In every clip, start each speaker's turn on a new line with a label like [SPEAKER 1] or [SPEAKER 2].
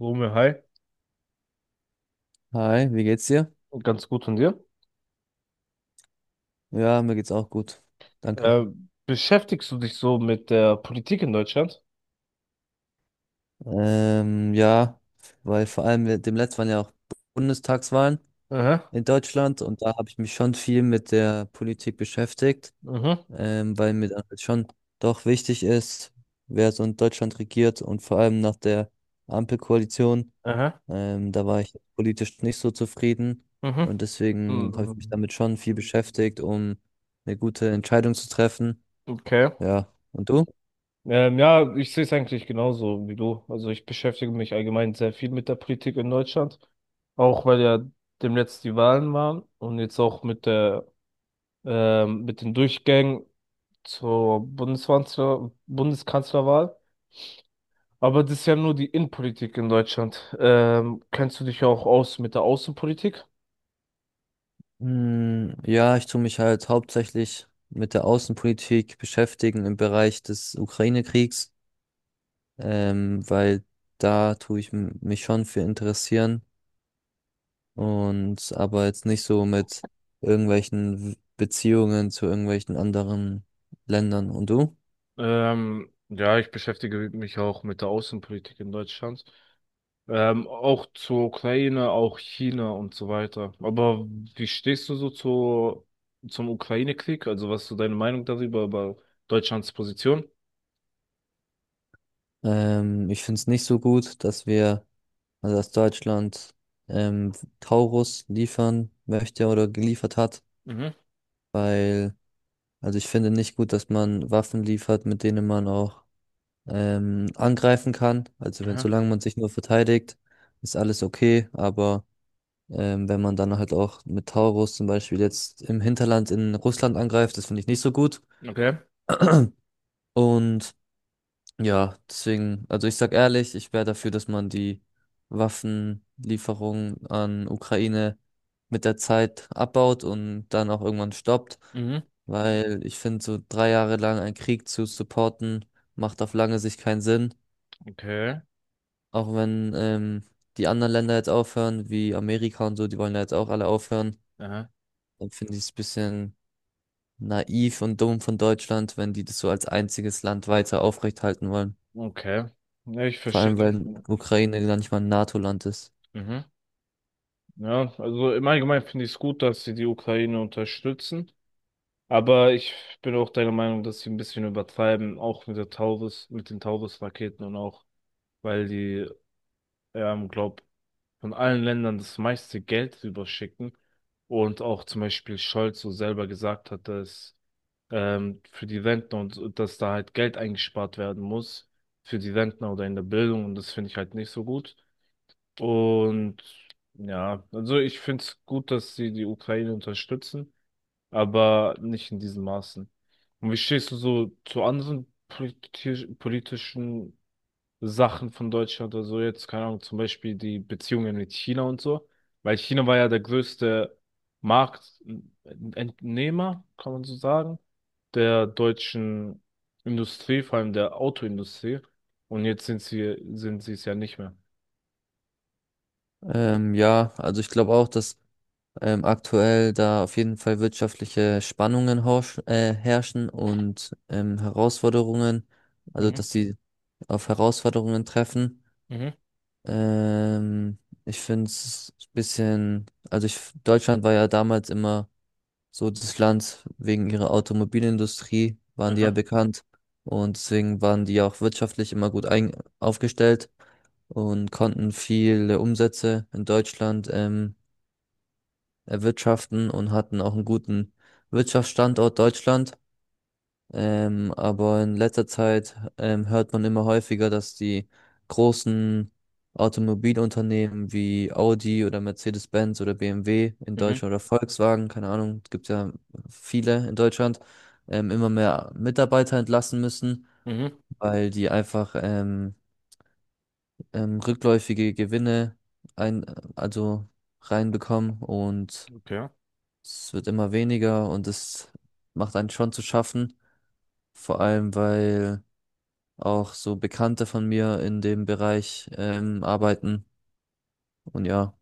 [SPEAKER 1] Romeo, hi.
[SPEAKER 2] Hi, wie geht's dir?
[SPEAKER 1] Ganz gut von dir.
[SPEAKER 2] Ja, mir geht's auch gut. Danke.
[SPEAKER 1] Äh, Beschäftigst du dich so mit der Politik in Deutschland?
[SPEAKER 2] Ja, weil vor allem mit dem letzten waren ja auch Bundestagswahlen
[SPEAKER 1] Aha,
[SPEAKER 2] in Deutschland, und da habe ich mich schon viel mit der Politik beschäftigt,
[SPEAKER 1] aha,
[SPEAKER 2] weil mir dann halt schon doch wichtig ist, wer so in Deutschland regiert, und vor allem nach der Ampelkoalition.
[SPEAKER 1] aha,
[SPEAKER 2] Da war ich politisch nicht so zufrieden,
[SPEAKER 1] aha.
[SPEAKER 2] und deswegen habe ich mich
[SPEAKER 1] Mhm.
[SPEAKER 2] damit schon viel beschäftigt, um eine gute Entscheidung zu treffen.
[SPEAKER 1] Okay.
[SPEAKER 2] Ja, und du?
[SPEAKER 1] Ja, ich sehe es eigentlich genauso wie du. Also ich beschäftige mich allgemein sehr viel mit der Politik in Deutschland, auch weil ja demnächst die Wahlen waren und jetzt auch mit der mit den Durchgängen zur Bundeskanzlerwahl. Aber das ist ja nur die Innenpolitik in Deutschland. Kennst du dich auch aus mit der Außenpolitik?
[SPEAKER 2] Ja, ich tue mich halt hauptsächlich mit der Außenpolitik beschäftigen im Bereich des Ukraine-Kriegs, weil da tue mich schon für interessieren, und aber jetzt nicht so mit irgendwelchen Beziehungen zu irgendwelchen anderen Ländern. Und du?
[SPEAKER 1] Ja, ich beschäftige mich auch mit der Außenpolitik in Deutschland. Auch zur Ukraine, auch China und so weiter. Aber wie stehst zum Ukraine-Krieg? Also was ist so deine Meinung darüber, über Deutschlands Position?
[SPEAKER 2] Ich finde es nicht so gut, dass also dass Deutschland ähm, Taurus liefern möchte oder geliefert hat,
[SPEAKER 1] Mhm.
[SPEAKER 2] weil ich finde nicht gut, dass man Waffen liefert, mit denen man auch angreifen kann. Also wenn,
[SPEAKER 1] Aha.
[SPEAKER 2] solange man sich nur verteidigt, ist alles okay. Aber wenn man dann halt auch mit Taurus zum Beispiel jetzt im Hinterland in Russland angreift, das finde ich nicht so gut.
[SPEAKER 1] Okay.
[SPEAKER 2] Und Ja, deswegen, also ich sag ehrlich, ich wäre dafür, dass man die Waffenlieferungen an Ukraine mit der Zeit abbaut und dann auch irgendwann stoppt,
[SPEAKER 1] Mhm.
[SPEAKER 2] weil ich finde, so 3 Jahre lang einen Krieg zu supporten, macht auf lange Sicht keinen Sinn.
[SPEAKER 1] Okay.
[SPEAKER 2] Auch wenn die anderen Länder jetzt aufhören, wie Amerika und so, die wollen ja jetzt auch alle aufhören,
[SPEAKER 1] Aha.
[SPEAKER 2] dann finde ich es ein bisschen naiv und dumm von Deutschland, wenn die das so als einziges Land weiter aufrechthalten wollen.
[SPEAKER 1] Okay. Ja, ich
[SPEAKER 2] Vor
[SPEAKER 1] verstehe.
[SPEAKER 2] allem, weil Ukraine gar nicht mal ein NATO-Land ist.
[SPEAKER 1] Mhm. Ja, also im Allgemeinen finde ich es gut, dass sie die Ukraine unterstützen. Aber ich bin auch deiner Meinung, dass sie ein bisschen übertreiben, auch mit der Taurus, mit den Taurus-Raketen und auch, weil glaub, von allen Ländern das meiste Geld rüberschicken. Und auch zum Beispiel Scholz so selber gesagt hat, dass für die Rentner und so, dass da halt Geld eingespart werden muss für die Rentner oder in der Bildung. Und das finde ich halt nicht so gut. Und ja, also ich finde es gut, dass sie die Ukraine unterstützen, aber nicht in diesen Maßen. Und wie stehst du so zu anderen politisch politischen Sachen von Deutschland oder so jetzt? Keine Ahnung, zum Beispiel die Beziehungen mit China und so. Weil China war ja der größte Marktentnehmer, kann man so sagen, der deutschen Industrie, vor allem der Autoindustrie. Und jetzt sind sie es ja nicht mehr.
[SPEAKER 2] Ja, also ich glaube auch, dass aktuell da auf jeden Fall wirtschaftliche Spannungen herrschen, und Herausforderungen, also
[SPEAKER 1] Mhm.
[SPEAKER 2] dass sie auf Herausforderungen treffen.
[SPEAKER 1] Mhm.
[SPEAKER 2] Ähm, Ich finde es ein bisschen, Deutschland war ja damals immer so das Land wegen ihrer Automobilindustrie, waren die ja
[SPEAKER 1] Aha.
[SPEAKER 2] bekannt, und deswegen waren die ja auch wirtschaftlich immer aufgestellt, und konnten viele Umsätze in Deutschland erwirtschaften und hatten auch einen guten Wirtschaftsstandort Deutschland. Aber in letzter Zeit hört man immer häufiger, dass die großen Automobilunternehmen wie Audi oder Mercedes-Benz oder BMW in
[SPEAKER 1] Mhm.
[SPEAKER 2] Deutschland oder Volkswagen, keine Ahnung, es gibt ja viele in Deutschland, immer mehr Mitarbeiter entlassen müssen,
[SPEAKER 1] Mhm,
[SPEAKER 2] weil die einfach rückläufige Gewinne ein, also reinbekommen, und
[SPEAKER 1] okay.
[SPEAKER 2] es wird immer weniger, und es macht einen schon zu schaffen, vor allem weil auch so Bekannte von mir in dem Bereich arbeiten, und ja,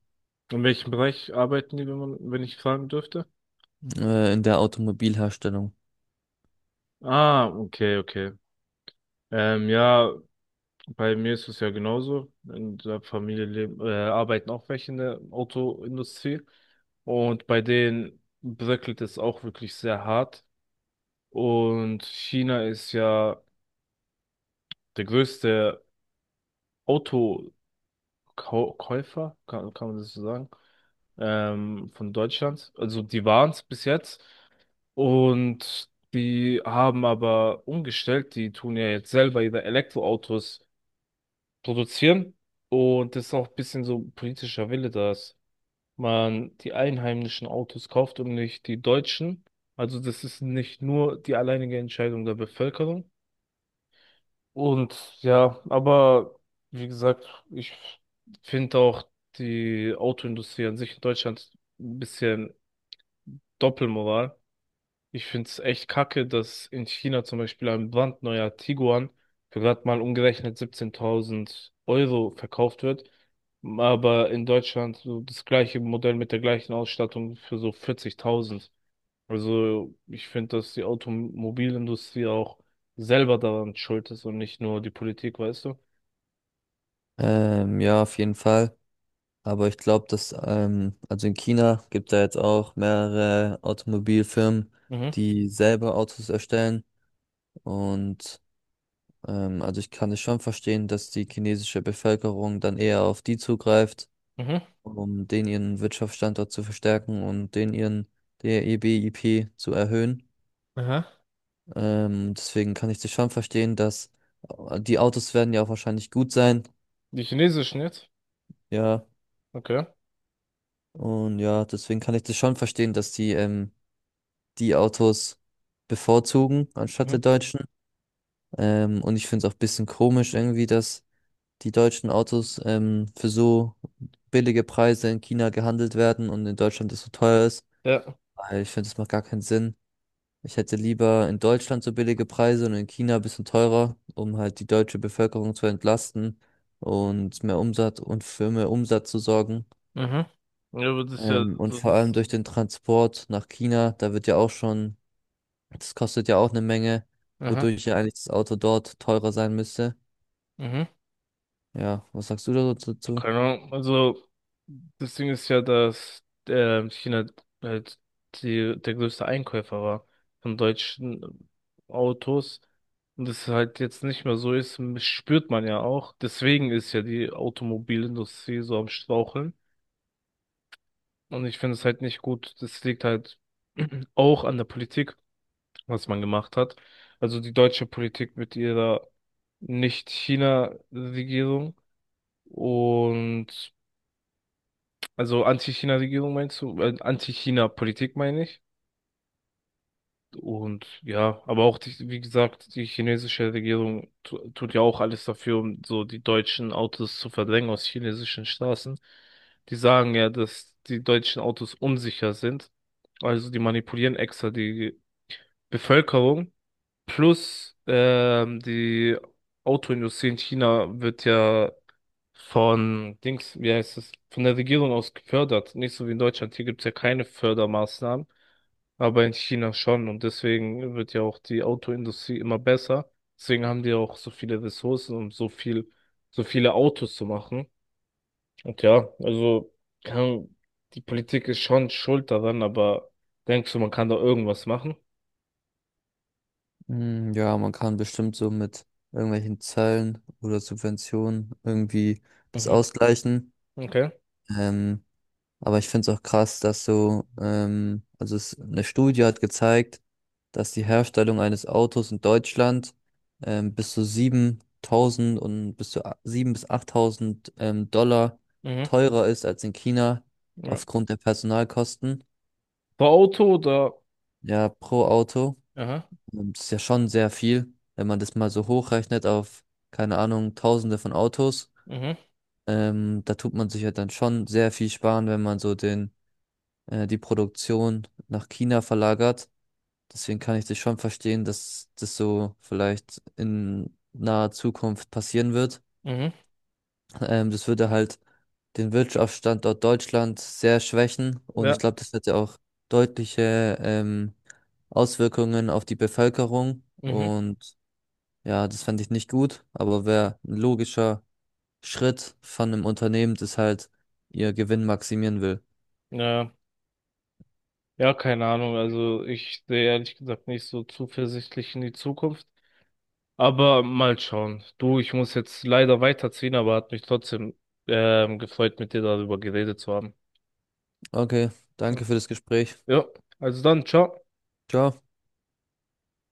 [SPEAKER 1] In welchem Bereich arbeiten die, wenn ich fragen dürfte?
[SPEAKER 2] in der Automobilherstellung.
[SPEAKER 1] Ah, okay, okay. Ja, bei mir ist es ja genauso. In der Familie arbeiten auch welche in der Autoindustrie. Und bei denen bröckelt es auch wirklich sehr hart. Und China ist ja der größte Autokäufer, kann man das so sagen, von Deutschland. Also die waren es bis jetzt. Und die haben aber umgestellt, die tun ja jetzt selber ihre Elektroautos produzieren. Und das ist auch ein bisschen so politischer Wille, dass man die einheimischen Autos kauft und nicht die deutschen. Also das ist nicht nur die alleinige Entscheidung der Bevölkerung. Und ja, aber wie gesagt, ich finde auch die Autoindustrie an sich in Deutschland ein bisschen Doppelmoral. Ich finde es echt kacke, dass in China zum Beispiel ein brandneuer Tiguan für gerade mal umgerechnet 17.000 Euro verkauft wird, aber in Deutschland so das gleiche Modell mit der gleichen Ausstattung für so 40.000. Also ich finde, dass die Automobilindustrie auch selber daran schuld ist und nicht nur die Politik, weißt du?
[SPEAKER 2] Ja, auf jeden Fall. Aber ich glaube, also in China gibt da jetzt auch mehrere Automobilfirmen,
[SPEAKER 1] Mhm,
[SPEAKER 2] die selber Autos erstellen, und ähm, also ich kann es schon verstehen, dass die chinesische Bevölkerung dann eher auf die zugreift,
[SPEAKER 1] mhm,
[SPEAKER 2] um den ihren Wirtschaftsstandort zu verstärken und den ihren der BIP zu erhöhen.
[SPEAKER 1] aha.
[SPEAKER 2] Deswegen kann ich das schon verstehen, dass die Autos werden ja auch wahrscheinlich gut sein.
[SPEAKER 1] Die chinesischen jetzt?
[SPEAKER 2] Ja,
[SPEAKER 1] Okay.
[SPEAKER 2] und ja, deswegen kann ich das schon verstehen, dass die die Autos bevorzugen anstatt der
[SPEAKER 1] Mhm.
[SPEAKER 2] Deutschen. Und ich finde es auch ein bisschen komisch irgendwie, dass die deutschen Autos für so billige Preise in China gehandelt werden und in Deutschland das so teuer ist.
[SPEAKER 1] Ja.
[SPEAKER 2] Weil ich finde, das macht gar keinen Sinn. Ich hätte lieber in Deutschland so billige Preise und in China ein bisschen teurer, um halt die deutsche Bevölkerung zu entlasten und mehr Umsatz zu sorgen.
[SPEAKER 1] Mhm. Ja, aber das ist ja
[SPEAKER 2] Und
[SPEAKER 1] so
[SPEAKER 2] vor allem
[SPEAKER 1] das.
[SPEAKER 2] durch den Transport nach China, da wird ja auch schon, das kostet ja auch eine Menge,
[SPEAKER 1] Aha.
[SPEAKER 2] wodurch ja eigentlich das Auto dort teurer sein müsste.
[SPEAKER 1] Mhm.
[SPEAKER 2] Ja, was sagst du da so dazu?
[SPEAKER 1] Keine Ahnung, also das Ding ist ja, dass China halt der größte Einkäufer war von deutschen Autos. Und das halt jetzt nicht mehr so ist, spürt man ja auch. Deswegen ist ja die Automobilindustrie so am Straucheln. Und ich finde es halt nicht gut. Das liegt halt auch an der Politik, was man gemacht hat. Also die deutsche Politik mit ihrer Nicht-China-Regierung. Und also Anti-China-Regierung meinst du? Anti-China-Politik meine ich. Und ja, aber auch, die, wie gesagt, die chinesische Regierung tut ja auch alles dafür, um so die deutschen Autos zu verdrängen aus chinesischen Straßen. Die sagen ja, dass die deutschen Autos unsicher sind. Also die manipulieren extra die Bevölkerung, plus die Autoindustrie in China wird ja von Dings, wie heißt es, von der Regierung aus gefördert. Nicht so wie in Deutschland. Hier gibt es ja keine Fördermaßnahmen, aber in China schon. Und deswegen wird ja auch die Autoindustrie immer besser. Deswegen haben die auch so viele Ressourcen, um so viele Autos zu machen. Und ja, kann, die Politik ist schon schuld daran, aber denkst du, man kann da irgendwas machen?
[SPEAKER 2] Ja, man kann bestimmt so mit irgendwelchen Zöllen oder Subventionen irgendwie das
[SPEAKER 1] Mhm.
[SPEAKER 2] ausgleichen.
[SPEAKER 1] Okay.
[SPEAKER 2] Ähm, aber ich finde es auch krass, dass eine Studie hat gezeigt, dass die Herstellung eines Autos in Deutschland ähm, bis zu 7.000 und bis zu a- 7.000 bis 8.000 Dollar
[SPEAKER 1] Mhm.
[SPEAKER 2] teurer ist als in China
[SPEAKER 1] Ja.
[SPEAKER 2] aufgrund der Personalkosten.
[SPEAKER 1] Bei Auto oder
[SPEAKER 2] Ja, pro Auto.
[SPEAKER 1] aha,
[SPEAKER 2] Und das ist ja schon sehr viel, wenn man das mal so hochrechnet auf, keine Ahnung, Tausende von Autos.
[SPEAKER 1] mhm,
[SPEAKER 2] Da tut man sich ja dann schon sehr viel sparen, wenn man die Produktion nach China verlagert. Deswegen kann ich das schon verstehen, dass das so vielleicht in naher Zukunft passieren wird.
[SPEAKER 1] mhm,
[SPEAKER 2] Das würde halt den Wirtschaftsstandort Deutschland sehr schwächen, und ich
[SPEAKER 1] ja.
[SPEAKER 2] glaube, das hätte auch deutliche Auswirkungen auf die Bevölkerung.
[SPEAKER 1] Mhm.
[SPEAKER 2] Und ja, das fand ich nicht gut, aber wäre ein logischer Schritt von einem Unternehmen, das halt ihr Gewinn maximieren will.
[SPEAKER 1] Ja, ja, keine Ahnung. Also ich sehe ehrlich gesagt nicht so zuversichtlich in die Zukunft. Aber mal schauen. Du, ich muss jetzt leider weiterziehen, aber hat mich trotzdem gefreut, mit dir darüber geredet zu haben.
[SPEAKER 2] Okay, danke für das Gespräch.
[SPEAKER 1] Ja, also dann, ciao.
[SPEAKER 2] Ciao.